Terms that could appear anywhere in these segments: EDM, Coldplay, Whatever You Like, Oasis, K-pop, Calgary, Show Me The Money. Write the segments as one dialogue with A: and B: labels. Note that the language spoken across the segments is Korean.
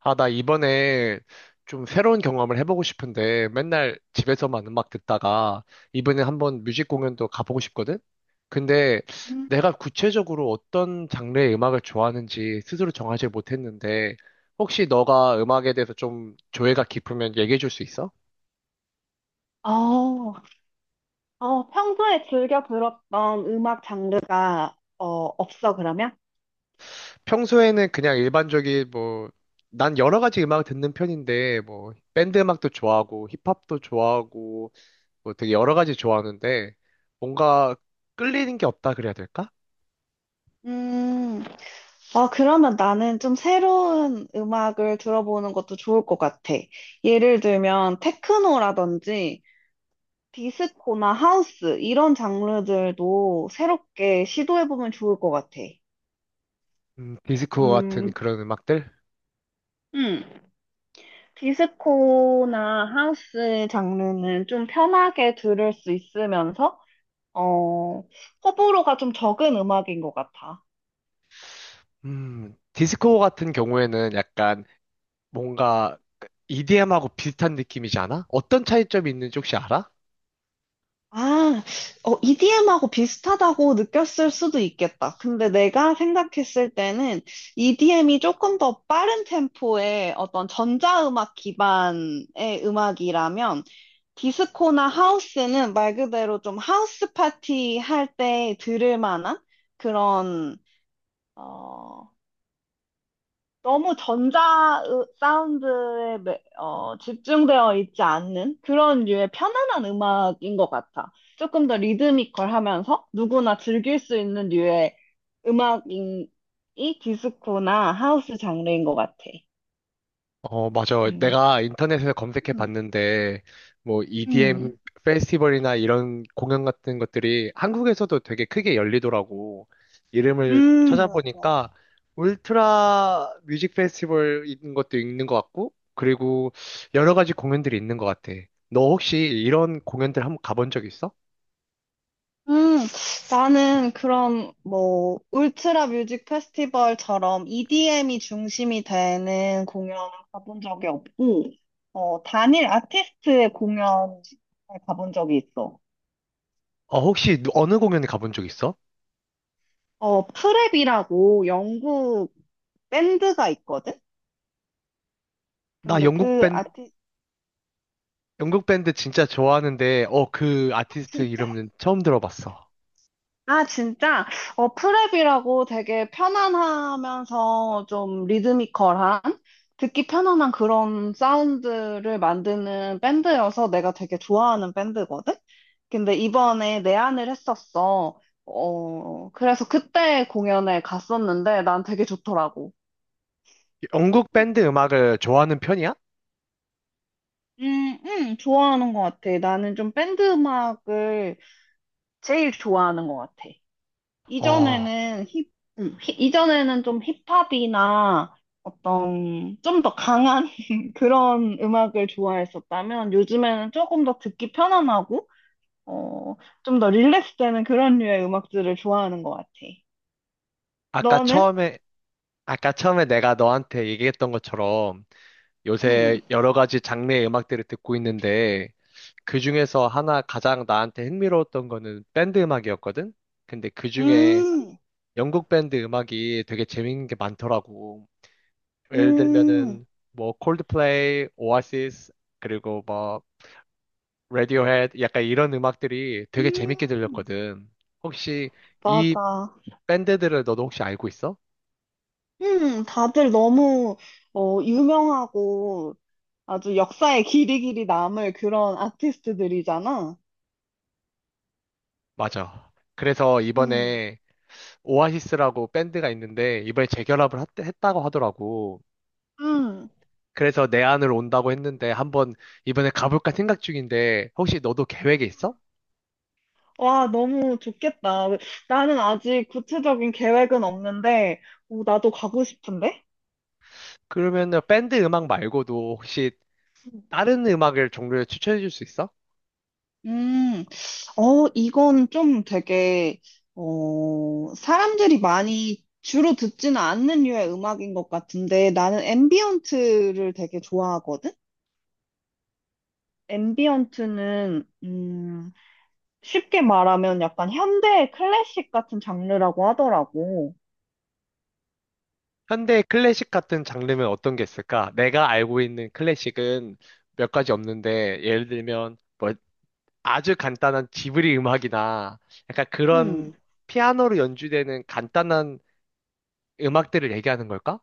A: 아, 나 이번에 좀 새로운 경험을 해보고 싶은데 맨날 집에서만 음악 듣다가 이번에 한번 뮤직 공연도 가보고 싶거든? 근데
B: 음.
A: 내가 구체적으로 어떤 장르의 음악을 좋아하는지 스스로 정하지 못했는데 혹시 너가 음악에 대해서 좀 조예가 깊으면 얘기해 줄 수 있어?
B: 어, 평소에 즐겨 들었던 음악 장르가 없어, 그러면?
A: 평소에는 그냥 일반적인 뭐 난 여러 가지 음악을 듣는 편인데 뭐 밴드 음악도 좋아하고 힙합도 좋아하고 뭐 되게 여러 가지 좋아하는데 뭔가 끌리는 게 없다 그래야 될까?
B: 음, 그러면 나는 좀 새로운 음악을 들어보는 것도 좋을 것 같아. 예를 들면, 테크노라든지, 디스코나 하우스, 이런 장르들도 새롭게 시도해보면 좋을 것 같아.
A: 디스코 같은
B: 음,
A: 그런 음악들?
B: 음. 디스코나 하우스 장르는 좀 편하게 들을 수 있으면서, 어, 호불호가 좀 적은 음악인 것 같아.
A: 디스코 같은 경우에는 약간 뭔가 EDM하고 비슷한 느낌이지 않아? 어떤 차이점이 있는지 혹시 알아?
B: 아, EDM하고 비슷하다고 느꼈을 수도 있겠다. 근데 내가 생각했을 때는 EDM이 조금 더 빠른 템포의 어떤 전자음악 기반의 음악이라면 디스코나 하우스는 말 그대로 좀 하우스 파티 할 때 들을 만한 그런, 어, 너무 전자 사운드에 집중되어 있지 않는 그런 류의 편안한 음악인 것 같아. 조금 더 리드미컬하면서 누구나 즐길 수 있는 류의 음악이 디스코나 하우스 장르인 것 같아.
A: 어, 맞아.
B: 음.
A: 내가 인터넷에서 검색해
B: 음.
A: 봤는데, 뭐, EDM
B: 음.
A: 페스티벌이나 이런 공연 같은 것들이 한국에서도 되게 크게 열리더라고. 이름을
B: 음,
A: 찾아보니까, 울트라 뮤직 페스티벌인 것도 있는 것 같고, 그리고 여러 가지 공연들이 있는 것 같아. 너 혹시 이런 공연들 한번 가본 적 있어?
B: 음, 나는 그런, 뭐, 울트라 뮤직 페스티벌처럼 EDM이 중심이 되는 공연을 가본 적이 없고, 단일 아티스트의 공연을 가본 적이 있어.
A: 어, 혹시 어느 공연에 가본 적 있어?
B: 프랩이라고 영국 밴드가 있거든?
A: 나
B: 근데
A: 영국 밴드, 영국 밴드 진짜 좋아하는데, 어, 그 아티스트
B: 진짜?
A: 이름은 처음 들어봤어.
B: 아, 진짜? 프랩이라고 되게 편안하면서 좀 리드미컬한, 듣기 편안한 그런 사운드를 만드는 밴드여서 내가 되게 좋아하는 밴드거든? 근데 이번에 내한을 했었어. 그래서 그때 공연에 갔었는데 난 되게 좋더라고.
A: 영국 밴드 음악을 좋아하는 편이야?
B: 좋아하는 것 같아. 나는 좀 밴드 음악을 제일 좋아하는 것 같아.
A: 어,
B: 이전에는 힙, 이전에는 좀 힙합이나 어떤 좀 더 강한 그런 음악을 좋아했었다면 요즘에는 조금 더 듣기 편안하고 어, 좀 더 릴렉스 되는 그런 류의 음악들을 좋아하는 것 같아.
A: 아까
B: 너는?
A: 처음에, 아까 처음에 내가 너한테 얘기했던 것처럼
B: 음.
A: 요새 여러 가지 장르의 음악들을 듣고 있는데 그 중에서 하나 가장 나한테 흥미로웠던 거는 밴드 음악이었거든? 근데 그 중에
B: 음,
A: 영국 밴드 음악이 되게 재밌는 게 많더라고. 예를
B: 음,
A: 들면은 뭐 콜드플레이, 오아시스, 그리고 뭐 레디오 헤드 약간 이런 음악들이 되게 재밌게
B: 음,
A: 들렸거든. 혹시 이
B: 맞아.
A: 밴드들을 너도 혹시 알고 있어?
B: 다들 너무 유명하고 아주 역사에 길이길이 남을 그런 아티스트들이잖아.
A: 맞아. 그래서
B: 음.
A: 이번에 오아시스라고 밴드가 있는데 이번에 재결합을 했다고 하더라고.
B: 음.
A: 그래서 내 안으로 온다고 했는데 한번 이번에 가볼까 생각 중인데 혹시 너도 계획이 있어?
B: 와, 너무 좋겠다. 나는 아직 구체적인 계획은 없는데, 오, 나도 가고 싶은데?
A: 그러면 밴드 음악 말고도 혹시 다른 음악을 종류를 추천해 줄 수 있어?
B: 음, 이건 좀 되게, 사람들이 많이 주로 듣지는 않는 류의 음악인 것 같은데, 나는 앰비언트를 되게 좋아하거든? 앰비언트는, 쉽게 말하면 약간 현대 클래식 같은 장르라고 하더라고.
A: 현대 클래식 같은 장르면 어떤 게 있을까? 내가 알고 있는 클래식은 몇 가지 없는데, 예를 들면, 뭐, 아주 간단한 지브리 음악이나, 약간
B: 음.
A: 그런 피아노로 연주되는 간단한 음악들을 얘기하는 걸까?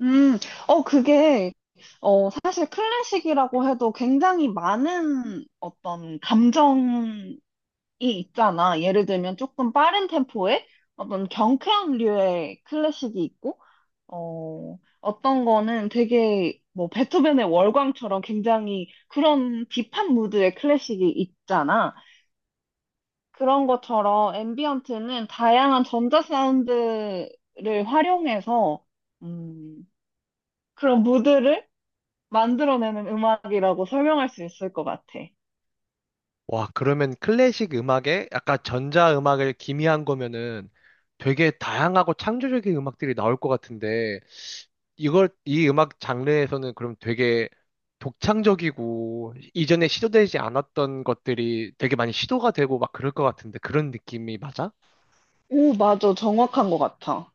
B: 음, 그게, 사실 클래식이라고 해도 굉장히 많은 어떤 감정이 있잖아. 예를 들면 조금 빠른 템포의 어떤 경쾌한 류의 클래식이 있고, 어떤 거는 되게 뭐 베토벤의 월광처럼 굉장히 그런 딥한 무드의 클래식이 있잖아. 그런 것처럼 앰비언트는 다양한 전자 사운드를 활용해서 음, 그런 무드를 만들어내는 음악이라고 설명할 수 있을 것 같아.
A: 와, 그러면 클래식 음악에 약간 전자음악을 기미한 거면은 되게 다양하고 창조적인 음악들이 나올 것 같은데, 이걸 이 음악 장르에서는 그럼 되게 독창적이고 이전에 시도되지 않았던 것들이 되게 많이 시도가 되고 막 그럴 것 같은데 그런 느낌이 맞아?
B: 오, 맞아. 정확한 것 같아.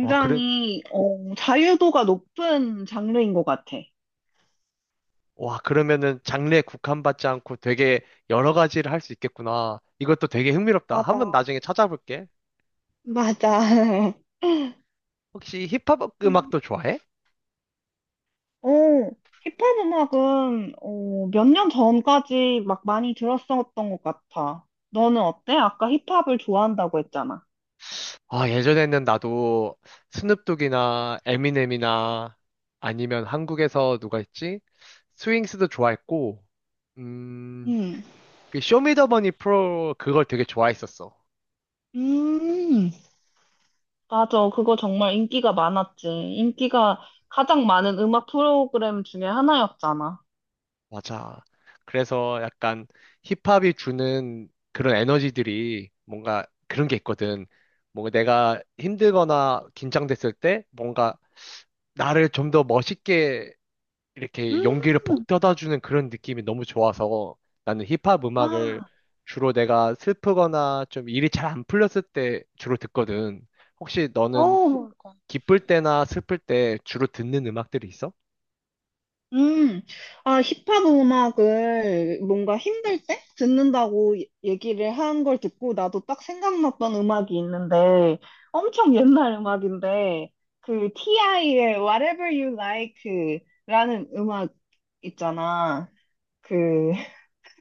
A: 와, 그래,
B: 자유도가 높은 장르인 것 같아.
A: 와, 그러면은 장르에 국한받지 않고 되게 여러 가지를 할 수 있겠구나. 이것도 되게 흥미롭다. 한번
B: 맞아.
A: 나중에 찾아볼게.
B: 맞아.
A: 혹시 힙합
B: 음.
A: 음악도 좋아해?
B: 어, 힙합 음악은 몇 년 전까지 막 많이 들었었던 것 같아. 너는 어때? 아까 힙합을 좋아한다고 했잖아.
A: 아, 예전에는 나도 스눕독이나 에미넴이나 아니면 한국에서 누가 있지? 스윙스도 좋아했고, 음,
B: 음.
A: 그 쇼미더머니 프로 그걸 되게 좋아했었어.
B: 음. 맞아, 그거 정말 인기가 많았지. 인기가 가장 많은 음악 프로그램 중에 하나였잖아.
A: 맞아. 그래서 약간 힙합이 주는 그런 에너지들이 뭔가 그런 게 있거든. 뭔가 내가 힘들거나 긴장됐을 때 뭔가 나를 좀 더 멋있게 이렇게 용기를
B: 음,
A: 북돋아 주는 그런 느낌이 너무 좋아서 나는 힙합
B: 아,
A: 음악을 주로 내가 슬프거나 좀 일이 잘 안 풀렸을 때 주로 듣거든. 혹시 너는
B: 그까.
A: 기쁠 때나 슬플 때 주로 듣는 음악들이 있어?
B: 음, 힙합 음악을 뭔가 힘들 때 듣는다고 얘기를 한 걸 듣고 나도 딱 생각났던 음악이 있는데 엄청 옛날 음악인데 그 TI의 Whatever You Like 라는 음악 있잖아. 그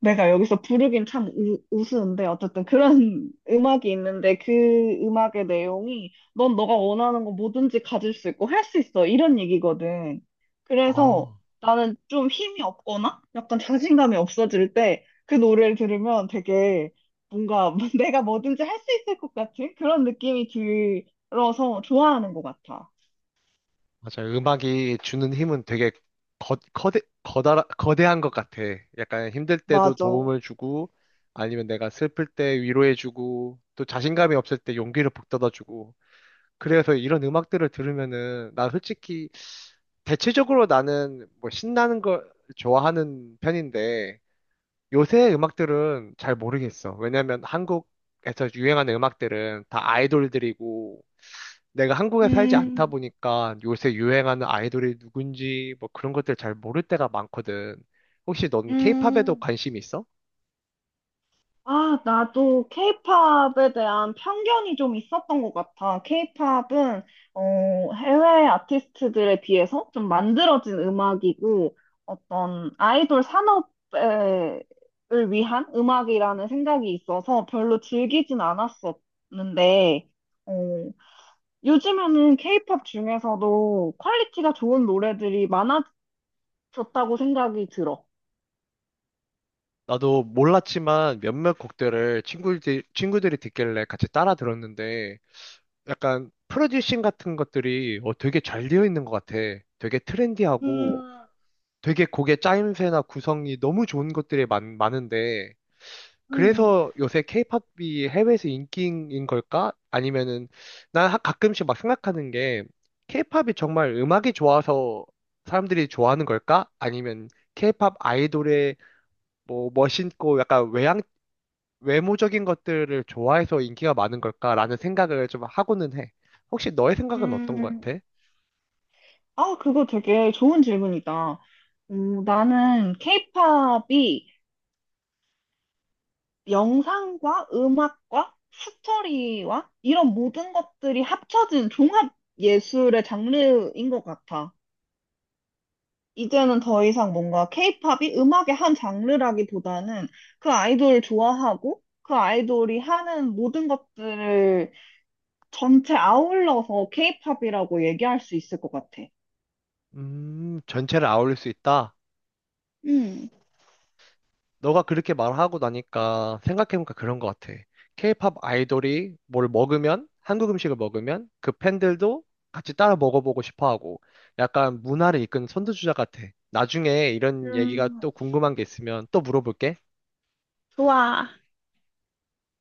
B: 내가 여기서 부르긴 참 우스운데 어쨌든 그런 음악이 있는데 그 음악의 내용이 넌 너가 원하는 거 뭐든지 가질 수 있고 할 수 있어 이런 얘기거든. 그래서
A: 아,
B: 나는 좀 힘이 없거나 약간 자신감이 없어질 때 그 노래를 들으면 되게 뭔가 내가 뭐든지 할 수 있을 것 같은 그런 느낌이 들어서 좋아하는 것 같아.
A: 맞아. 음악이 주는 힘은 되게 거대한 것 같아. 약간 힘들 때도
B: 맞아.
A: 도움을 주고, 아니면 내가 슬플 때 위로해주고, 또 자신감이 없을 때 용기를 북돋아주고, 그래서 이런 음악들을 들으면은 나 솔직히 대체적으로 나는 뭐 신나는 걸 좋아하는 편인데 요새 음악들은 잘 모르겠어. 왜냐면 한국에서 유행하는 음악들은 다 아이돌들이고 내가 한국에 살지 않다
B: 음,
A: 보니까 요새 유행하는 아이돌이 누군지 뭐 그런 것들 잘 모를 때가 많거든. 혹시 넌 케이팝에도
B: 음.
A: 관심 있어?
B: 아, 나도 케이팝에 대한 편견이 좀 있었던 것 같아. 케이팝은 해외 아티스트들에 비해서 좀 만들어진 음악이고 어떤 아이돌 산업을 위한 음악이라는 생각이 있어서 별로 즐기진 않았었는데 어, 요즘에는 케이팝 중에서도 퀄리티가 좋은 노래들이 많아졌다고 생각이 들어.
A: 나도 몰랐지만 몇몇 곡들을 친구들이 듣길래 같이 따라 들었는데 약간 프로듀싱 같은 것들이 어, 되게 잘 되어 있는 것 같아. 되게
B: 음,
A: 트렌디하고 되게 곡의 짜임새나 구성이 너무 좋은 것들이 많은데
B: 음,
A: 그래서 요새 케이팝이 해외에서 인기인 걸까? 아니면은 난 가끔씩 막 생각하는 게 케이팝이 정말 음악이 좋아서 사람들이 좋아하는 걸까? 아니면 케이팝 아이돌의 뭐 멋있고 약간 외모적인 것들을 좋아해서 인기가 많은 걸까라는 생각을 좀 하고는 해. 혹시 너의 생각은 어떤 것
B: 음.
A: 같아?
B: 아, 그거 되게 좋은 질문이다. 오, 나는 케이팝이 영상과 음악과 스토리와 이런 모든 것들이 합쳐진 종합 예술의 장르인 것 같아. 이제는 더 이상 뭔가 케이팝이 음악의 한 장르라기보다는 그 아이돌을 좋아하고 그 아이돌이 하는 모든 것들을 전체 아울러서 케이팝이라고 얘기할 수 있을 것 같아.
A: 전체를 아울릴 수 있다.
B: 음.
A: 너가 그렇게 말하고 나니까 생각해보니까 그런 것 같아. 케이팝 아이돌이 뭘 먹으면, 한국 음식을 먹으면 그 팬들도 같이 따라 먹어보고 싶어 하고 약간 문화를 이끄는 선두주자 같아. 나중에 이런 얘기가
B: 음,
A: 또 궁금한 게 있으면 또 물어볼게.
B: 좋아.